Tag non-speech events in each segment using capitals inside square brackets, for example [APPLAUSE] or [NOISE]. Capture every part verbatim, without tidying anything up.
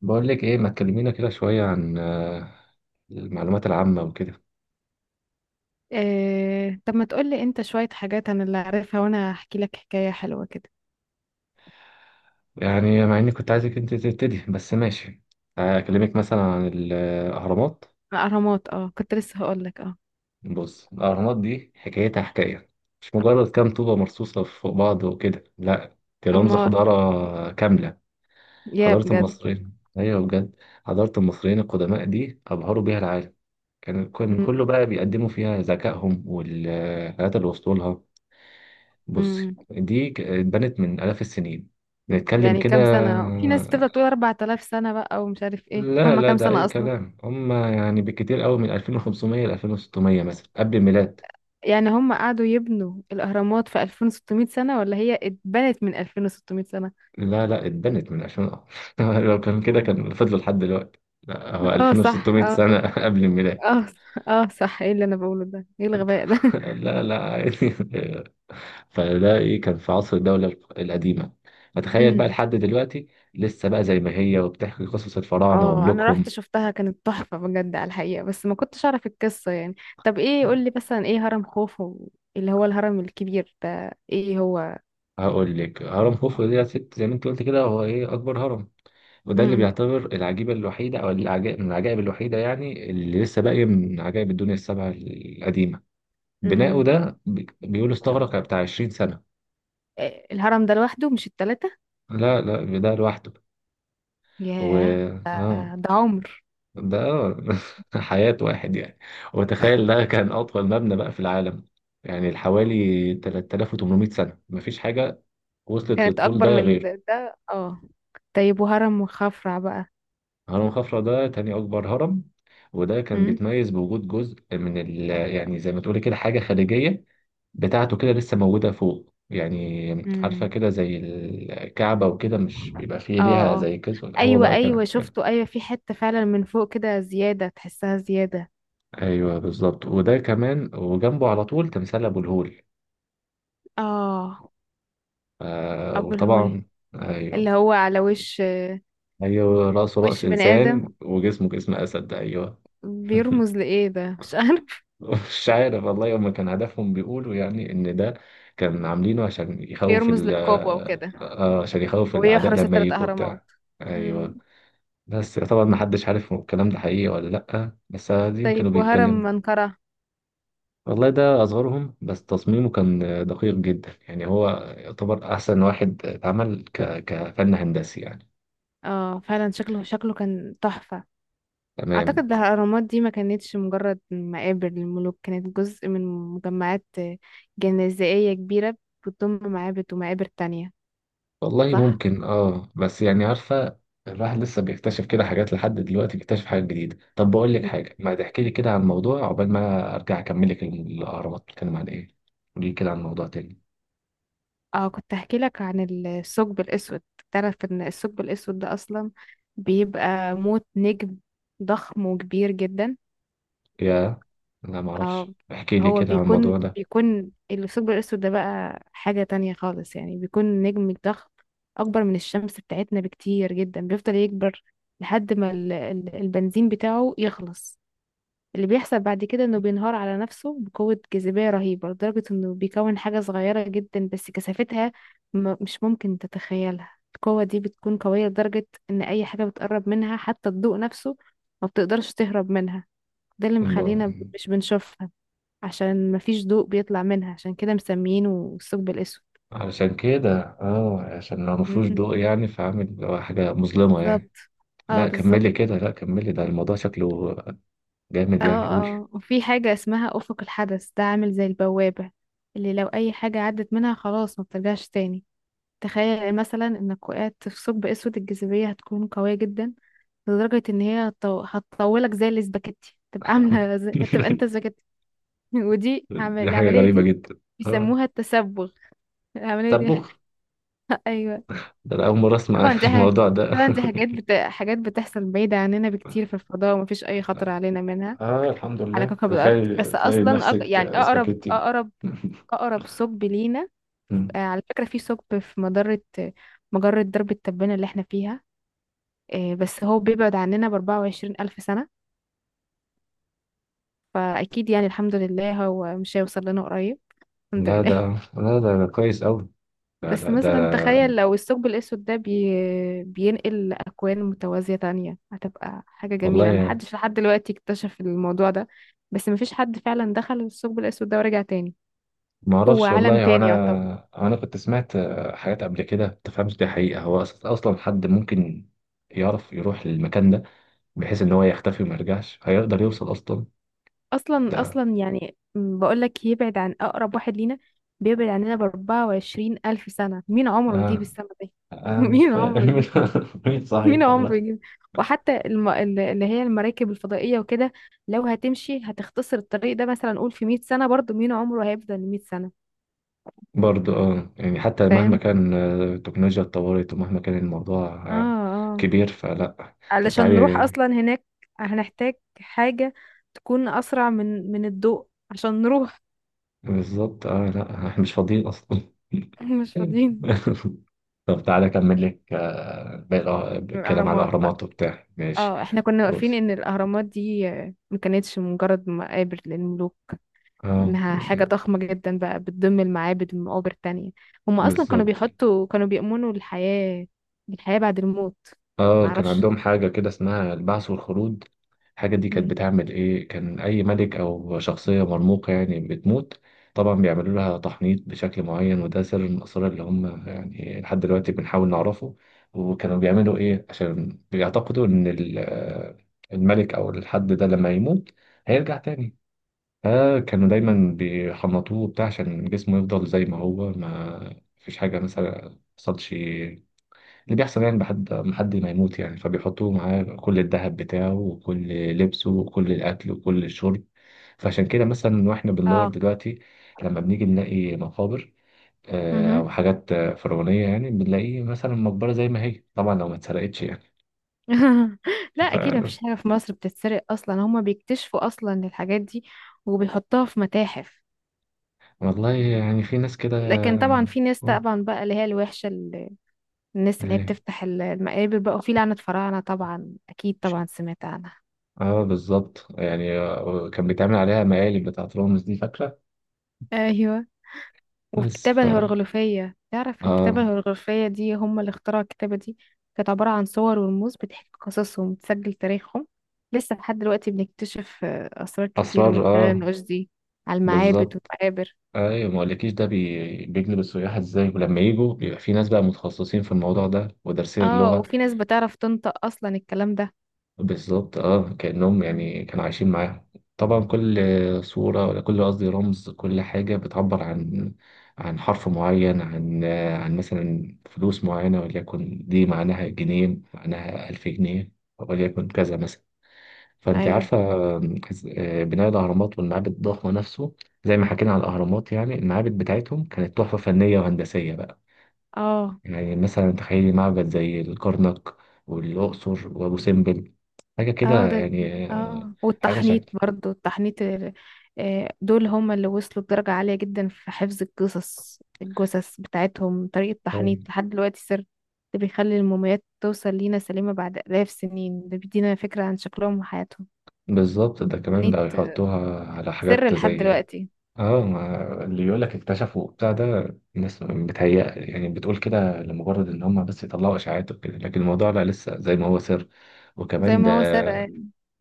بقول لك ايه ما تكلمينا كده شوية عن آه، المعلومات العامة وكده. إيه، طب ما تقولي انت شوية حاجات انا اللي عارفها وانا هحكي لك حكاية حلوة كده. يعني مع اني كنت عايزك انت تبتدي، بس ماشي. اكلمك مثلا عن الاهرامات. الاهرامات، اه كنت لسه هقول لك اه بص، الاهرامات دي حكايتها حكاية، مش مجرد كام طوبة مرصوصة فوق بعض وكده، لا، دي رمز امال، حضارة كاملة. يا حضارة بجد. المصريين، ايوه بجد، حضارة المصريين القدماء دي ابهروا بيها العالم. كان كان م- كله بقى بيقدموا فيها ذكائهم والحاجات اللي وصلوا لها. بصي، م- دي ك- اتبنت من آلاف السنين، نتكلم يعني كده. كام سنة؟ في ناس تبدأ تقول أربعة آلاف سنة بقى ومش عارف ايه، لا هم لا، كام ده سنة أي اصلا؟ كلام، هم يعني بالكتير قوي من ألفين وخمسمية ل ألفين وستمية مثلا قبل الميلاد. يعني هم قعدوا يبنوا الاهرامات في ألفين وستمائة سنة ولا هي اتبنت من ألفين وستمائة سنة؟ لا لا، اتبنت من ألفين؟ [LAUGHS] لو كان كده كان فضلوا لحد دلوقتي، لا هو اه صح ألفين وستمائة اه. سنة [LAUGHS] قبل الميلاد. اه صح. اه صح، ايه اللي انا بقوله ده؟ ايه الغباء ده؟ [LAUGHS] لا لا، عادي [LAUGHS] فده ايه، كان في عصر الدولة القديمة. فتخيل بقى لحد [LAUGHS] دلوقتي لسه بقى زي ما هي، وبتحكي قصص الفراعنة اه، انا رحت وملوكهم. شفتها، كانت تحفة بجد على الحقيقة، بس ما كنتش اعرف القصة يعني. طب ايه، قولي مثلا ايه هرم خوفو؟ اللي هو الهرم الكبير ده، ايه هو؟ هقول لك، هرم خوفو دي ست زي ما انت قلت كده، هو ايه؟ اكبر هرم، وده اللي امم بيعتبر العجيبه الوحيده، او العجائب من العجائب الوحيده يعني، اللي لسه باقيه من عجائب الدنيا السبع القديمه. بناؤه امم ده بي- بيقولوا استغرق بتاع عشرين سنه. إيه الهرم ده لوحده مش التلاتة؟ لا لا، ده لوحده. و ياه، ده اه، ده عمر. ده [LAUGHS] حياه واحد يعني. وتخيل ده كان اطول مبنى بقى في العالم، يعني حوالي تلت تلاف وتمنمية سنه مفيش حاجه وصلت كانت للطول ده اكبر من غيره. ده، ده- اه. طيب، وهرم خفرع بقى؟ هرم خفرع ده تاني أكبر هرم، وده كان امم. بيتميز بوجود جزء من ال يعني زي ما تقولي كده، حاجة خارجية بتاعته كده لسه موجودة فوق يعني. عارفة امم. كده زي الكعبة وكده، مش بيبقى فيه اه. ليها اه. زي كده، هو ايوه، بقى كان ايوه كده. شفته، ايوه، في حتة فعلا من فوق كده زيادة، تحسها زيادة. أيوه بالظبط، وده كمان وجنبه على طول تمثال أبو الهول. اه. آه ابو الهول، وطبعا. اللي أيوه، هو على وش، أيوه، رأسه رأس وش بني ادم. إنسان وجسمه جسم أسد، أيوه. بيرمز [LAUGHS] لإيه ده؟ [LAUGHS] مش عارف. مش عارف والله، هما كان هدفهم بيقولوا يعني ان ده كان عاملينه عشان يخوف بيرمز ال للقوة آه، وكده، آه، عشان يخوف الاعداء ويحرس لما الثلاث يجوا أهرامات. بتاع. مم. ايوه. بس طبعا ما حدش عارف هو الكلام ده حقيقي ولا لا، بس عادي كانوا طيب، وهرم بيتكلموا. منقرة؟ والله ده اصغرهم، بس تصميمه كان دقيق جدا يعني، هو يعتبر احسن واحد اتعمل ك... كفن هندسي يعني. اه فعلا شكله، شكله كان تحفة. تمام. أعتقد ده الأهرامات دي ما كانتش مجرد مقابر للملوك، كانت جزء من مجمعات جنائزية كبيرة، بتضم معابد ومقابر تانية، والله صح؟ ممكن، اه، بس يعني عارفة الواحد لسه بيكتشف كده حاجات لحد دلوقتي، بيكتشف حاجات جديدة. طب بقول لك مم. حاجة، ما تحكي لي كده عن موضوع عقبال ما ارجع اكمل لك الاهرامات، بتتكلم عن ايه؟ قولي لي كده عن موضوع تاني. اه، كنت هحكي لك عن الثقب الأسود. تعرف إن الثقب الأسود ده أصلا بيبقى موت نجم ضخم وكبير جدا؟ يا، لا ما اه، اعرفش، احكي لي هو كده عن بيكون الموضوع ده. بيكون الثقب الأسود ده بقى حاجة تانية خالص يعني، بيكون نجم ضخم أكبر من الشمس بتاعتنا بكتير جدا، بيفضل يكبر لحد ما ال- ال- البنزين بتاعه يخلص. اللي بيحصل بعد كده إنه بينهار على نفسه بقوة جاذبية رهيبة، لدرجة إنه بيكون حاجة صغيرة جدا بس كثافتها م- مش ممكن تتخيلها. القوة دي بتكون قوية لدرجة إن أي حاجة بتقرب منها، حتى الضوء نفسه، ما بتقدرش تهرب منها. ده اللي الم... مخلينا مش بنشوفها، عشان مفيش ضوء بيطلع منها، عشان كده مسميينه الثقب الأسود. علشان كده، اه، عشان لو مفهوش امم. ضوء يعني، فعامل حاجة مظلمة يعني. بالظبط. اه، لا بالظبط. كملي كده، لا كملي، ده الموضوع شكله جامد اه، يعني، قولي. اه، وفي حاجة اسمها أفق الحدث، ده عامل زي البوابة، اللي لو أي حاجة عدت منها خلاص، ما بترجعش تاني. تخيل مثلا إنك وقعت في ثقب أسود، الجاذبية هتكون قوية جدا لدرجة إن هي هتطو- هتطولك زي الاسباجيتي، تبقى عاملة زي، هتبقى أنت [LAUGHS] اسباجيتي. [LAUGHS] ودي عمل... دي حاجة العملية غريبة دي جدا. اه بيسموها التسبغ، العملية طب دي. بص، [LAUGHS] أيوه. ده أنا أول مرة أسمع طبعا [LAUGHS] دي ح- الموضوع ده. طبعا دي حاجات بت... حاجات بتحصل بعيدة عننا بكتير في الفضاء، ومفيش أي خطر علينا منها اه الحمد على لله، كوكب الأرض. بس تخيل تلاقي أصلا أق... يعني نفسك أقرب سباكيتي. أقرب أقرب ثقب لينا، [LAUGHS] آه، مم. على فكرة، في ثقب في مجرة، مجرة درب التبانة اللي احنا فيها. آه، بس هو بيبعد عننا بأربعة وعشرين ألف سنة. فأكيد يعني الحمد لله هو مش هيوصل لنا قريب. الحمد لا ده، لله. لا ده, ده كويس أوي. لا بس لا ده. مثلا تخيل لو الثقب الأسود ده بي... بينقل أكوان متوازية تانية، هتبقى حاجة جميلة. والله محدش لحد دلوقتي اكتشف الموضوع ده، بس مفيش حد فعلا دخل الثقب الأسود ده ورجع تاني. ما هو أعرفش، عالم والله هو تاني يعتبر. أنا هو أنا كنت سمعت آه، حاجات قبل كده، ما تفهمش دي حقيقة، هو أص- أصلا حد ممكن يعرف يروح للمكان ده، بحيث إن هو يختفي وما يرجعش هيقدر يوصل أصلا. أصلا ده أصلا يعني، م، بقولك يبعد عن أقرب واحد لينا، بيبعد عننا بأربعة وعشرين ألف سنة. مين عمره يجيب آه السنة دي؟ [LAUGHS] انا مش مين فاهم. عمره؟ [LAUGHS] مين [LAUGHS] مين صحيح عمره والله. يجيب؟ وحتى الم... ال- اللي هي المراكب الفضائية وكده، لو هتمشي هتختصر الطريق ده، مثلا نقول في مئة سنة، برضو مين عمره هيفضل مئة سنة؟ برضه اه، يعني حتى مهما فاهم. كان آه، التكنولوجيا اتطورت، ومهما كان الموضوع اه. آه، اه. كبير، فلا. طب علشان نروح تعالي. اصلا هناك هنحتاج حاجة تكون اسرع من من الضوء عشان نروح. بالظبط، اه، لا [LAUGHS] احنا مش فاضيين اصلا. [LAUGHS] [LAUGHS] مش فاضيين. طب تعالى اكمل لك آه، باقي الأه- الكلام على الاهرامات بقى. الاهرامات وبتاع، ماشي. اه، احنا كنا واقفين بص، ان الاهرامات دي آه، ما كانتش مجرد مقابر للملوك، اه، وإنها حاجة ضخمة جدا بقى بتضم المعابد والمقابر التانية. هم أصلا كانوا بالظبط. بيحطوا، كانوا بيؤمنوا الحياة بالحياة بعد الموت. اه كان معرفش. عندهم حاجة كده اسمها البعث والخلود. الحاجة دي كانت مهم. بتعمل ايه، كان اي ملك او شخصية مرموقة يعني بتموت، طبعا بيعملوا لها تحنيط بشكل معين. وده سر من الاسرار اللي هم يعني لحد دلوقتي بنحاول نعرفه. وكانوا بيعملوا ايه؟ عشان بيعتقدوا ان ال- آه، الملك او الحد ده لما يموت هيرجع تاني. فكانوا مهم. دايما بيحنطوه بتاع، عشان جسمه يفضل زي ما هو، ما فيش حاجة مثلا حصلش. اللي بيحصل يعني بحد ما حد ما يموت يعني، فبيحطوه معاه كل الذهب بتاعه، وكل لبسه، وكل الأكل، وكل الشرب. فعشان كده مثلا واحنا بندور اه. دلوقتي، لما بنيجي نلاقي مقابر آه، أو مهم. حاجات آه، فرعونية يعني، بنلاقي مثلا مقبرة زي ما هي، طبعا لو ما اتسرقتش يعني. [LAUGHS] لا، ف أكيد مفيش حاجة في مصر بتتسرق أصلا، هما بيكتشفوا أصلا الحاجات دي وبيحطوها في متاحف. والله يعني في ناس كده. لكن طبعا في ناس آه، طبعا بقى اللي هي الوحشة، ال- الناس اللي هي إيه، بتفتح ال- المقابر بقى، وفي لعنة فراعنة طبعا، أكيد ماشي. طبعا سمعت عنها. اه بالظبط، يعني آه، كان بيتعمل عليها مقالب بتاعت رامز، دي فاكرة. ايوه، بس ف والكتابة الهيروغليفية، تعرف الكتابة اه. الهيروغليفية دي هم اللي اخترعوا الكتابة دي؟ كانت عبارة عن صور ورموز بتحكي قصصهم وتسجل تاريخهم. لسه لحد دلوقتي بنكتشف آه، أسرار كتير من أسرار خلال اه. النقوش دي على المعابد بالظبط، والمقابر. ايوه، ما اقولكيش ده بي- بيجذب السياح ازاي، ولما يجوا بيبقى في ناس بقى متخصصين في الموضوع ده ودارسين اه، اللغه. وفي ناس بتعرف تنطق أصلا الكلام ده. بالظبط اه، كانهم مم. يعني كانوا عايشين معاهم. طبعا كل صوره، ولا كل قصدي رمز، كل حاجه بتعبر عن عن حرف معين، عن عن مثلا فلوس معينه، وليكن دي معناها جنيه، معناها ألف جنيه، وليكن كذا مثلا، فانت أيوه. عارفه. إز- آه، بناء الاهرامات والمعابد الضخمه نفسه زي ما حكينا على الاهرامات، يعني المعابد بتاعتهم كانت تحفه فنيه وهندسيه بقى. اه. يعني مثلا تخيلي معبد زي الكرنك والاقصر وابو سمبل، حاجه كده اه. ده. يعني آه، اه، حاجه والتحنيط شكل. برضو، التحنيط ال- آه، دول هم اللي وصلوا لدرجة عالية جدا في حفظ القصص. الجثث بتاعتهم، طريقة تحنيط لحد دلوقتي سر، ده بيخلي الموميات توصل لينا سليمة بعد آلاف سنين، ده بيدينا فكرة عن شكلهم وحياتهم. بالظبط، ده كمان التحنيط بقى يحطوها على سر حاجات لحد زي دلوقتي، اه ما، اللي يقول لك اكتشفوا بتاع ده، الناس بتهيأ يعني، بتقول كده لمجرد ان هم بس يطلعوا اشاعات وكده، لكن الموضوع لا، لسه زي ما هو سر. زي وكمان ده، ما هو سر.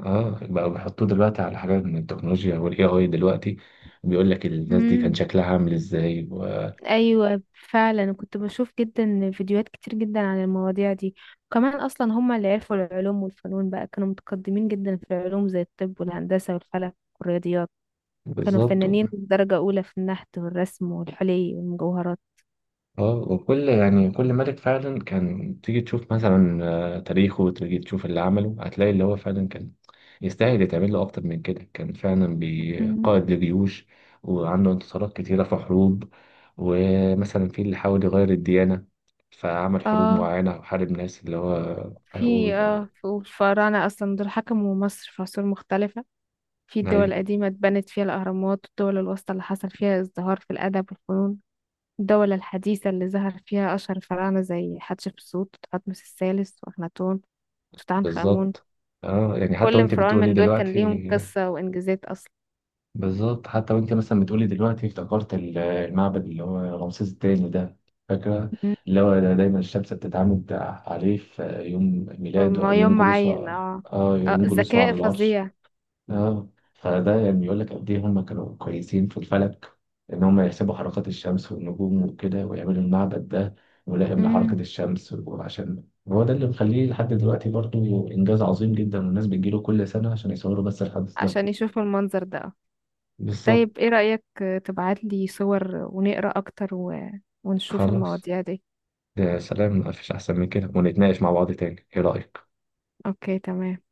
اه، بقى بيحطوه دلوقتي على حاجات من التكنولوجيا والاي اي دلوقتي، بيقول لك الناس دي كان مم. شكلها عامل ازاي و- ايوه، فعلا أنا كنت بشوف جدا فيديوهات كتير جدا عن المواضيع دي. وكمان اصلا هم اللي عرفوا العلوم والفنون بقى، كانوا متقدمين جدا في العلوم زي الطب والهندسة والفلك والرياضيات. كانوا بالظبط و- فنانين درجة اولى في النحت والرسم والحلي والمجوهرات. اه. وكل يعني، كل ملك فعلا، كان تيجي تشوف مثلا آه، تاريخه، وتيجي تشوف اللي عمله، هتلاقي اللي هو فعلا كان يستاهل يتعمل له اكتر من كده، كان فعلا بي- مم. قائد لجيوش، وعنده انتصارات كتيرة في حروب، ومثلا في اللي حاول يغير الديانة، فعمل حروب اه، معينة، وحارب ناس، اللي هو في اه، في- والفراعنة أصلا دول حكموا مصر في عصور مختلفة. في الدول أيوة. القديمة اتبنت فيها الأهرامات، والدول الوسطى اللي حصل فيها ازدهار في الأدب والفنون، الدولة الحديثة اللي ظهر فيها أشهر الفراعنة زي حتشبسوت وتحتمس الثالث وأخناتون، توت عنخ آمون. بالظبط، اه، يعني حتى كل وانت فرعون بتقولي من دول كان دلوقتي، ليهم قصة وإنجازات أصلا. بالظبط حتى وانت مثلا بتقولي دلوقتي افتكرت ال- المعبد اللي هو رمسيس الثاني ده، فاكره، مم. اللي هو ده دايما الشمس بتتعامد عليه في يوم ميلاده او ما يوم يوم معين، جلوسه. اه. اه آه، يوم جلوسه ذكاء على العرش. فظيع. اه، فده يعني يقول لك قد ايه هم كانوا كويسين في الفلك، ان هم يحسبوا حركات الشمس والنجوم وكده، ويعملوا المعبد ده ملائم لحركة مم. الشمس. وعشان هو ده اللي مخليه لحد دلوقتي برضه انجاز عظيم جدا، والناس بتجيله كل سنة عشان يصوروا بس الحدث ده. عشان يشوفوا المنظر ده آه. بالظبط. طيب، ايه رأيك تبعت لي صور ونقرأ أكتر و ونشوف خلاص، المواضيع دي؟ يا سلام مفيش أحسن من كده، ونتناقش مع بعض تاني، إيه رأيك؟ أوكي، تمام.